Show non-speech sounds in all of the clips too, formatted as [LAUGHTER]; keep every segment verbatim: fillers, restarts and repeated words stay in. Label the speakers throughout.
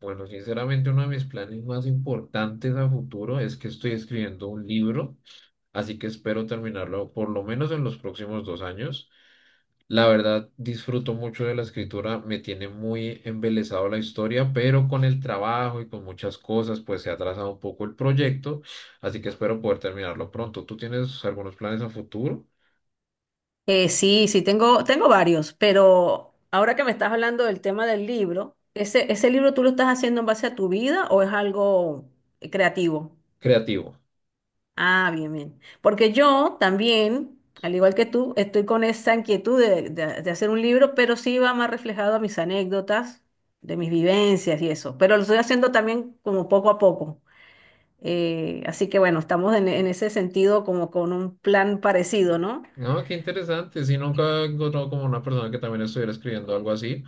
Speaker 1: Bueno, sinceramente uno de mis planes más importantes a futuro es que estoy escribiendo un libro, así que espero terminarlo por lo menos en los próximos dos años. La verdad, disfruto mucho de la escritura, me tiene muy embelesado la historia, pero con el trabajo y con muchas cosas, pues se ha atrasado un poco el proyecto, así que espero poder terminarlo pronto. ¿Tú tienes algunos planes a futuro?
Speaker 2: Eh, sí, sí, tengo, tengo varios, pero ahora que me estás hablando del tema del libro, ¿ese, ese libro tú lo estás haciendo en base a tu vida o es algo eh, creativo?
Speaker 1: Creativo.
Speaker 2: Ah, bien, bien. Porque yo también, al igual que tú, estoy con esa inquietud de, de- de hacer un libro, pero sí va más reflejado a mis anécdotas, de mis vivencias y eso. Pero lo estoy haciendo también como poco a poco. Eh, así que bueno, estamos en, en ese sentido como con un plan parecido, ¿no?
Speaker 1: No, qué interesante. Si nunca he encontrado como una persona que también estuviera escribiendo algo así.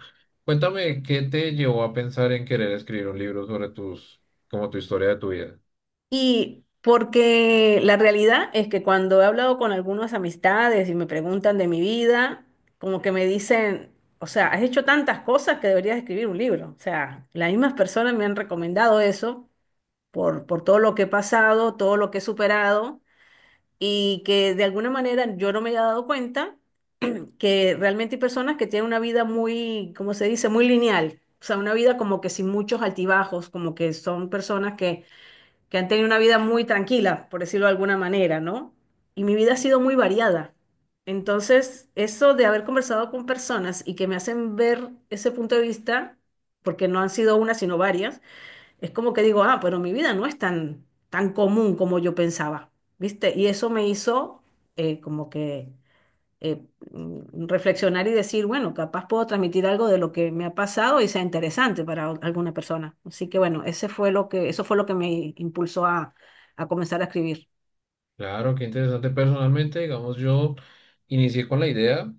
Speaker 1: Cuéntame, ¿qué te llevó a pensar en querer escribir un libro sobre tus, como tu historia de tu vida?
Speaker 2: Y porque la realidad es que cuando he hablado con algunas amistades y me preguntan de mi vida, como que me dicen, o sea, has hecho tantas cosas que deberías escribir un libro. O sea, las mismas personas me han recomendado eso por, por todo lo que he pasado, todo lo que he superado y que de alguna manera yo no me he dado cuenta que realmente hay personas que tienen una vida muy, ¿cómo se dice?, muy lineal. O sea, una vida como que sin muchos altibajos, como que son personas que que han tenido una vida muy tranquila, por decirlo de alguna manera, ¿no? Y mi vida ha sido muy variada. Entonces, eso de haber conversado con personas y que me hacen ver ese punto de vista, porque no han sido una, sino varias, es como que digo, ah, pero mi vida no es tan, tan común como yo pensaba, ¿viste? Y eso me hizo eh, como que eh, mm, reflexionar y decir, bueno, capaz puedo transmitir algo de lo que me ha pasado y sea interesante para o- alguna persona. Así que bueno, ese fue lo que, eso fue lo que me impulsó a, a comenzar a escribir.
Speaker 1: Claro, qué interesante. Personalmente, digamos, yo inicié con la idea,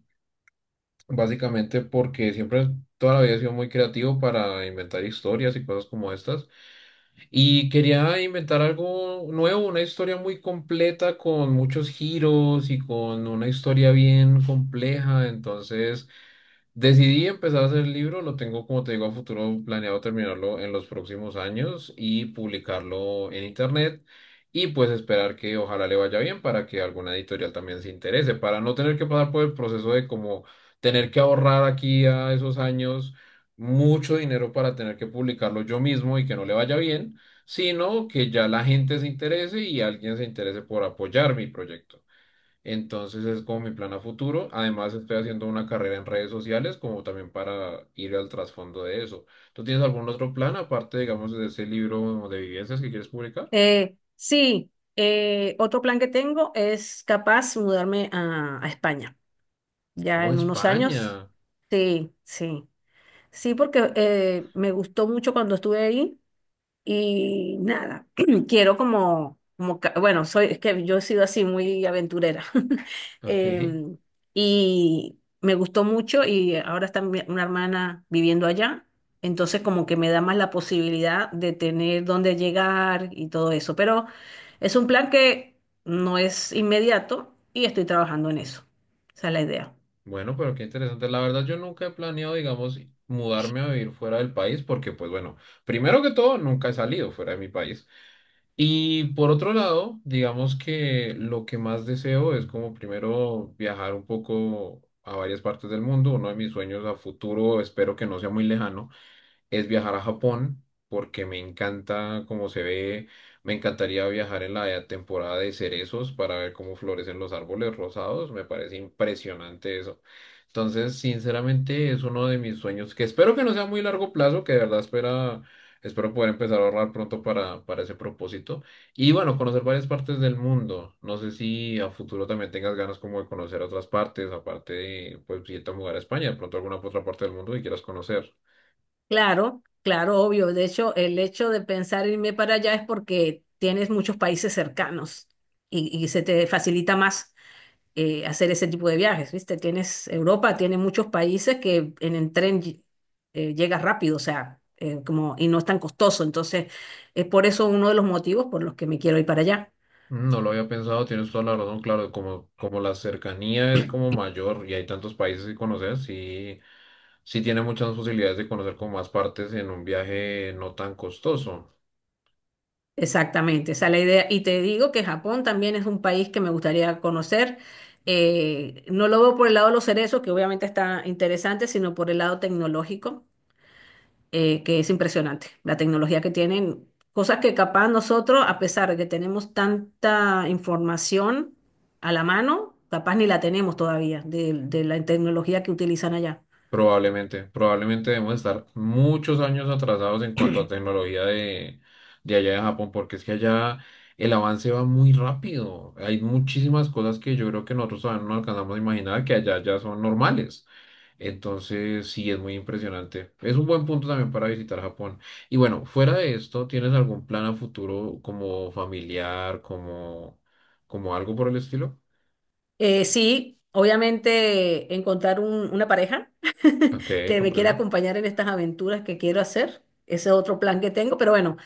Speaker 1: básicamente porque siempre, toda la vida he sido muy creativo para inventar historias y cosas como estas. Y quería inventar algo nuevo, una historia muy completa con muchos giros y con una historia bien compleja. Entonces, decidí empezar a hacer el libro, lo tengo, como te digo, a futuro planeado terminarlo en los próximos años y publicarlo en internet y pues esperar que ojalá le vaya bien para que alguna editorial también se interese, para no tener que pasar por el proceso de como tener que ahorrar aquí a esos años mucho dinero para tener que publicarlo yo mismo y que no le vaya bien, sino que ya la gente se interese y alguien se interese por apoyar mi proyecto. Entonces es como mi plan a futuro. Además estoy haciendo una carrera en redes sociales como también para ir al trasfondo de eso. ¿Tú tienes algún otro plan aparte, digamos, de ese libro de vivencias que quieres publicar?
Speaker 2: Eh, sí, eh, Otro plan que tengo es capaz mudarme a, a España, ya
Speaker 1: Oh,
Speaker 2: en unos años.
Speaker 1: España.
Speaker 2: Sí, sí. Sí, porque eh, me gustó mucho cuando estuve ahí. Y nada, [CLEARS THROAT] quiero como, como, ca- bueno, soy, es que yo he sido así muy aventurera. [LAUGHS]
Speaker 1: Ok.
Speaker 2: Em, y me gustó mucho y ahora está mi- una hermana viviendo allá, entonces como que me da más la posibilidad de tener dónde llegar y todo eso. Pero es un plan que no es inmediato y estoy trabajando en eso. Esa es la idea.
Speaker 1: Bueno, pero qué interesante. La verdad yo nunca he planeado, digamos, mudarme a vivir fuera del país porque, pues bueno, primero que todo, nunca he salido fuera de mi país. Y por otro lado, digamos que lo que más deseo es como primero viajar un poco a varias partes del mundo. Uno de mis sueños a futuro, espero que no sea muy lejano, es viajar a Japón, porque me encanta cómo se ve. Me encantaría viajar en la temporada de cerezos para ver cómo florecen los árboles rosados. Me parece impresionante eso. Entonces, sinceramente, es uno de mis sueños que espero que no sea muy largo plazo, que de verdad espera, espero poder empezar a ahorrar pronto para, para ese propósito. Y bueno, conocer varias partes del mundo. No sé si a futuro también tengas ganas como de conocer otras partes, aparte de, pues, si te mudar a España, de pronto alguna otra parte del mundo que quieras conocer.
Speaker 2: Claro, claro, obvio. De hecho, el hecho de pensar irme para allá es porque tienes muchos países cercanos y, y se te facilita más eh, hacer ese tipo de viajes, ¿viste? Tienes Europa, tiene muchos países que en el tren ll- eh, llegas rápido, o sea, eh, como, y no es tan costoso. Entonces, es por eso uno de los motivos por los que me quiero ir para allá.
Speaker 1: No lo había pensado, tienes toda la razón, claro, como, como la cercanía es como mayor y hay tantos países que conocer, sí, sí tiene muchas posibilidades de conocer como más partes en un viaje no tan costoso.
Speaker 2: Exactamente, esa es la idea. Y te digo que Japón también es un país que me gustaría conocer. Eh, no lo veo por el lado de los cerezos, que obviamente está interesante, sino por el lado tecnológico, eh, que es impresionante. La tecnología que tienen, cosas que capaz nosotros, a pesar de que tenemos tanta información a la mano, capaz ni la tenemos todavía de, de la tecnología que utilizan allá.
Speaker 1: Probablemente, probablemente debemos estar muchos años atrasados en cuanto a tecnología de, de allá de Japón, porque es que allá el avance va muy rápido. Hay muchísimas cosas que yo creo que nosotros todavía no alcanzamos a imaginar que allá ya son normales. Entonces, sí, es muy impresionante. Es un buen punto también para visitar Japón. Y bueno, fuera de esto, ¿tienes algún plan a futuro como familiar, como, como algo por el estilo?
Speaker 2: Eh, sí, obviamente encontrar un- una pareja [LAUGHS]
Speaker 1: Ok,
Speaker 2: que me quiera
Speaker 1: comprendo.
Speaker 2: acompañar en estas aventuras que quiero hacer. Ese es otro plan que tengo, pero bueno,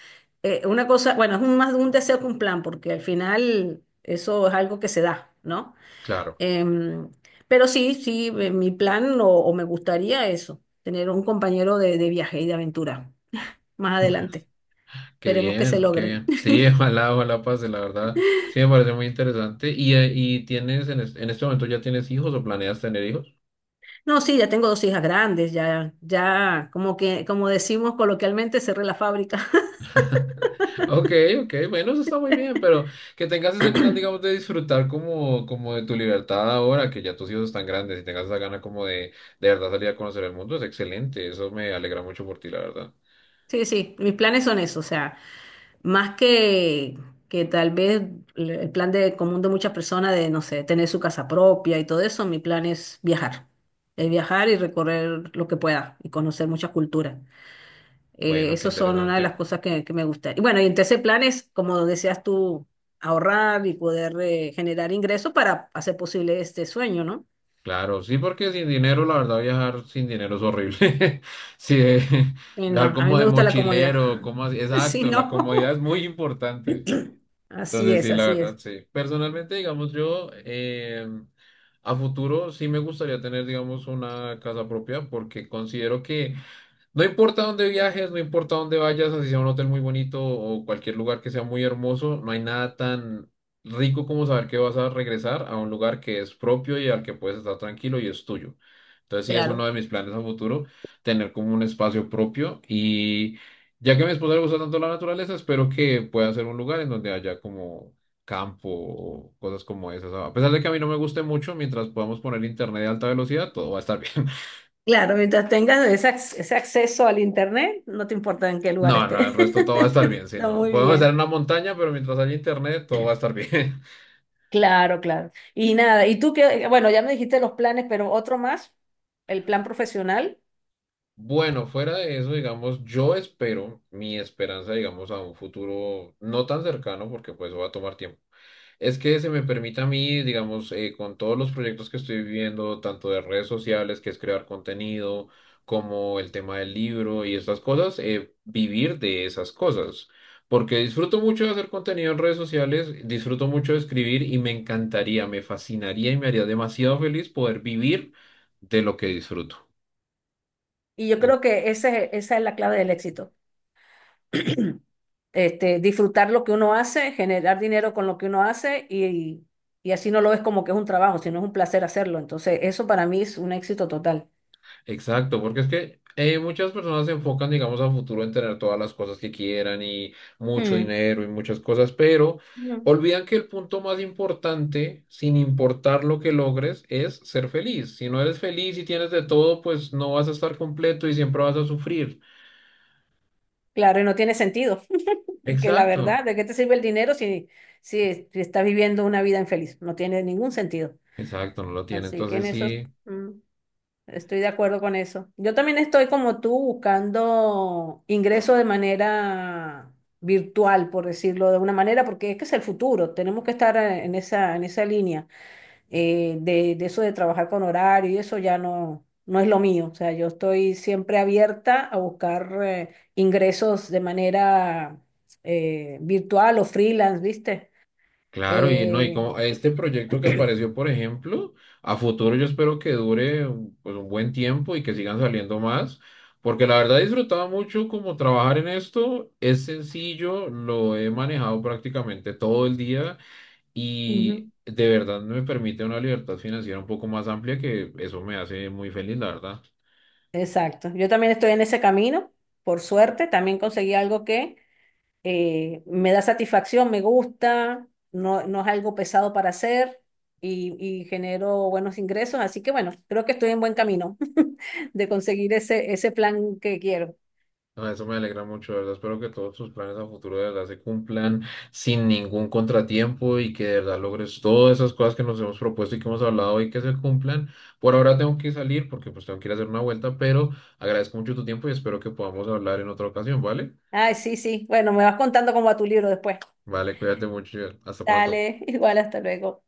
Speaker 2: eh, una cosa, bueno, es un- más un deseo que un plan, porque al final eso es algo que se da, ¿no?
Speaker 1: Claro,
Speaker 2: Em, pero sí, sí, eh, mi plan o, o me gustaría eso, tener un compañero de, de viaje y de aventura más adelante.
Speaker 1: qué
Speaker 2: Esperemos que se
Speaker 1: bien, qué
Speaker 2: logre.
Speaker 1: bien. Sí, [LAUGHS] ojalá, ojalá pase, la verdad. Sí, me parece muy interesante. ¿Y, eh, y tienes en, es- en este momento ya tienes hijos o planeas tener hijos?
Speaker 2: No, sí, ya tengo dos hijas grandes, ya, ya, como que, como decimos coloquialmente, cerré la fábrica.
Speaker 1: Ok, ok, bueno, eso está muy bien, pero que tengas ese plan, digamos, de disfrutar como, como de tu libertad ahora, que ya tus hijos están grandes y tengas esa gana como de, de verdad salir a conocer el mundo, es excelente, eso me alegra mucho por ti, la verdad.
Speaker 2: Sí, sí, mis planes son eso, o sea, más que, que tal vez l- el plan de común de muchas personas de, no sé, tener su casa propia y todo eso, mi plan es viajar, es viajar y recorrer lo que pueda y conocer muchas culturas. Eh,
Speaker 1: Bueno, qué
Speaker 2: esas son una de las
Speaker 1: interesante.
Speaker 2: cosas que, que me gusta. Y bueno, y entre ese plan es, como decías tú, ahorrar y poder eh, generar ingresos para hacer posible este sueño, ¿no?
Speaker 1: Claro, sí, porque sin dinero, la verdad, viajar sin dinero es horrible. [LAUGHS] Sí, eh,
Speaker 2: Y no,
Speaker 1: viajar
Speaker 2: a mí
Speaker 1: como de
Speaker 2: me gusta la comodidad,
Speaker 1: mochilero, como así,
Speaker 2: [LAUGHS] si
Speaker 1: exacto, la comodidad
Speaker 2: no,
Speaker 1: es muy
Speaker 2: [CLEARS THROAT]
Speaker 1: importante.
Speaker 2: [LAUGHS] así
Speaker 1: Entonces,
Speaker 2: es,
Speaker 1: sí, la
Speaker 2: así
Speaker 1: verdad,
Speaker 2: es,
Speaker 1: sí. Personalmente, digamos, yo eh, a futuro sí me gustaría tener, digamos, una casa propia porque considero que no importa dónde viajes, no importa dónde vayas, así sea un hotel muy bonito o cualquier lugar que sea muy hermoso, no hay nada tan rico como saber que vas a regresar a un lugar que es propio y al que puedes estar tranquilo y es tuyo. Entonces sí es uno
Speaker 2: claro.
Speaker 1: de mis planes a futuro, tener como un espacio propio y ya que a mi esposa le gusta tanto la naturaleza, espero que pueda ser un lugar en donde haya como campo o cosas como esas. A pesar de que a mí no me guste mucho, mientras podamos poner internet de alta velocidad, todo va a estar [LAUGHS] bien.
Speaker 2: Claro, mientras tengas ese, ac- ese acceso al internet, no te importa en qué lugar
Speaker 1: No, no, el
Speaker 2: estés.
Speaker 1: resto todo va a estar bien,
Speaker 2: [LAUGHS]
Speaker 1: si
Speaker 2: Está
Speaker 1: no.
Speaker 2: muy
Speaker 1: Podemos estar en
Speaker 2: bien.
Speaker 1: una montaña, pero mientras haya internet, todo va a estar bien. [LAUGHS]
Speaker 2: Claro, claro. Y nada, y tú que, bueno, ya me dijiste los planes, pero otro más, el plan profesional,
Speaker 1: Bueno, fuera de eso, digamos, yo espero, mi esperanza, digamos, a un futuro no tan cercano, porque pues va a tomar tiempo. Es que se me permite a mí, digamos, eh, con todos los proyectos que estoy viviendo, tanto de redes sociales, que es crear contenido, como el tema del libro y estas cosas, eh, vivir de esas cosas. Porque disfruto mucho de hacer contenido en redes sociales, disfruto mucho de escribir y me encantaría, me fascinaría y me haría demasiado feliz poder vivir de lo que disfruto.
Speaker 2: y yo creo que ese, esa es la clave del éxito. [CLEARS THROAT] Este, disfrutar lo que uno hace, generar dinero con lo que uno hace y, y así no lo ves como que es un trabajo, sino es un placer hacerlo. Entonces, eso para mí es un éxito total.
Speaker 1: Exacto, porque es que eh, muchas personas se enfocan, digamos, a futuro en tener todas las cosas que quieran y mucho
Speaker 2: Mm.
Speaker 1: dinero y muchas cosas, pero
Speaker 2: Mm.
Speaker 1: olvidan que el punto más importante, sin importar lo que logres, es ser feliz. Si no eres feliz y tienes de todo, pues no vas a estar completo y siempre vas a sufrir.
Speaker 2: Claro, y no tiene sentido. Que la
Speaker 1: Exacto,
Speaker 2: verdad, ¿de qué te sirve el dinero si, si, si estás viviendo una vida infeliz? No tiene ningún sentido.
Speaker 1: exacto, no lo tiene.
Speaker 2: Así que en
Speaker 1: Entonces
Speaker 2: eso
Speaker 1: sí.
Speaker 2: mm, estoy de acuerdo con eso. Yo también estoy como tú buscando ingresos de manera virtual, por decirlo de una manera, porque es que es el futuro. Tenemos que estar eh, en esa, en esa línea eh, de, de eso de trabajar con horario y eso ya no, no es lo mío. O sea, yo estoy siempre abierta a buscar eh, ingresos de manera eh, virtual o freelance, ¿viste?
Speaker 1: Claro, y no, y
Speaker 2: Eh,
Speaker 1: como este proyecto que apareció, por ejemplo, a futuro yo espero que dure un- pues, un buen tiempo y que sigan saliendo más, porque la verdad he disfrutado mucho como trabajar en esto, es sencillo, lo he manejado prácticamente todo el día y
Speaker 2: ujú,
Speaker 1: de verdad me permite una libertad financiera un poco más amplia que eso me hace muy feliz, la verdad.
Speaker 2: Exacto. Yo también estoy en ese camino, por suerte. También conseguí algo que eh, me da satisfacción, me gusta, no, no es algo pesado para hacer y, y genero buenos ingresos. Así que bueno, creo que estoy en buen camino [LAUGHS] de conseguir ese, ese plan que quiero.
Speaker 1: No, eso me alegra mucho, de verdad. Espero que todos tus planes a futuro de verdad se cumplan sin ningún contratiempo y que de verdad logres todas esas cosas que nos hemos propuesto y que hemos hablado hoy que se cumplan. Por ahora tengo que salir porque pues tengo que ir a hacer una vuelta, pero agradezco mucho tu tiempo y espero que podamos hablar en otra ocasión, ¿vale?
Speaker 2: Ay, sí, sí. Bueno, me vas contando cómo va tu libro después.
Speaker 1: Vale, cuídate mucho. Hasta pronto.
Speaker 2: Dale, [LAUGHS] igual, hasta luego.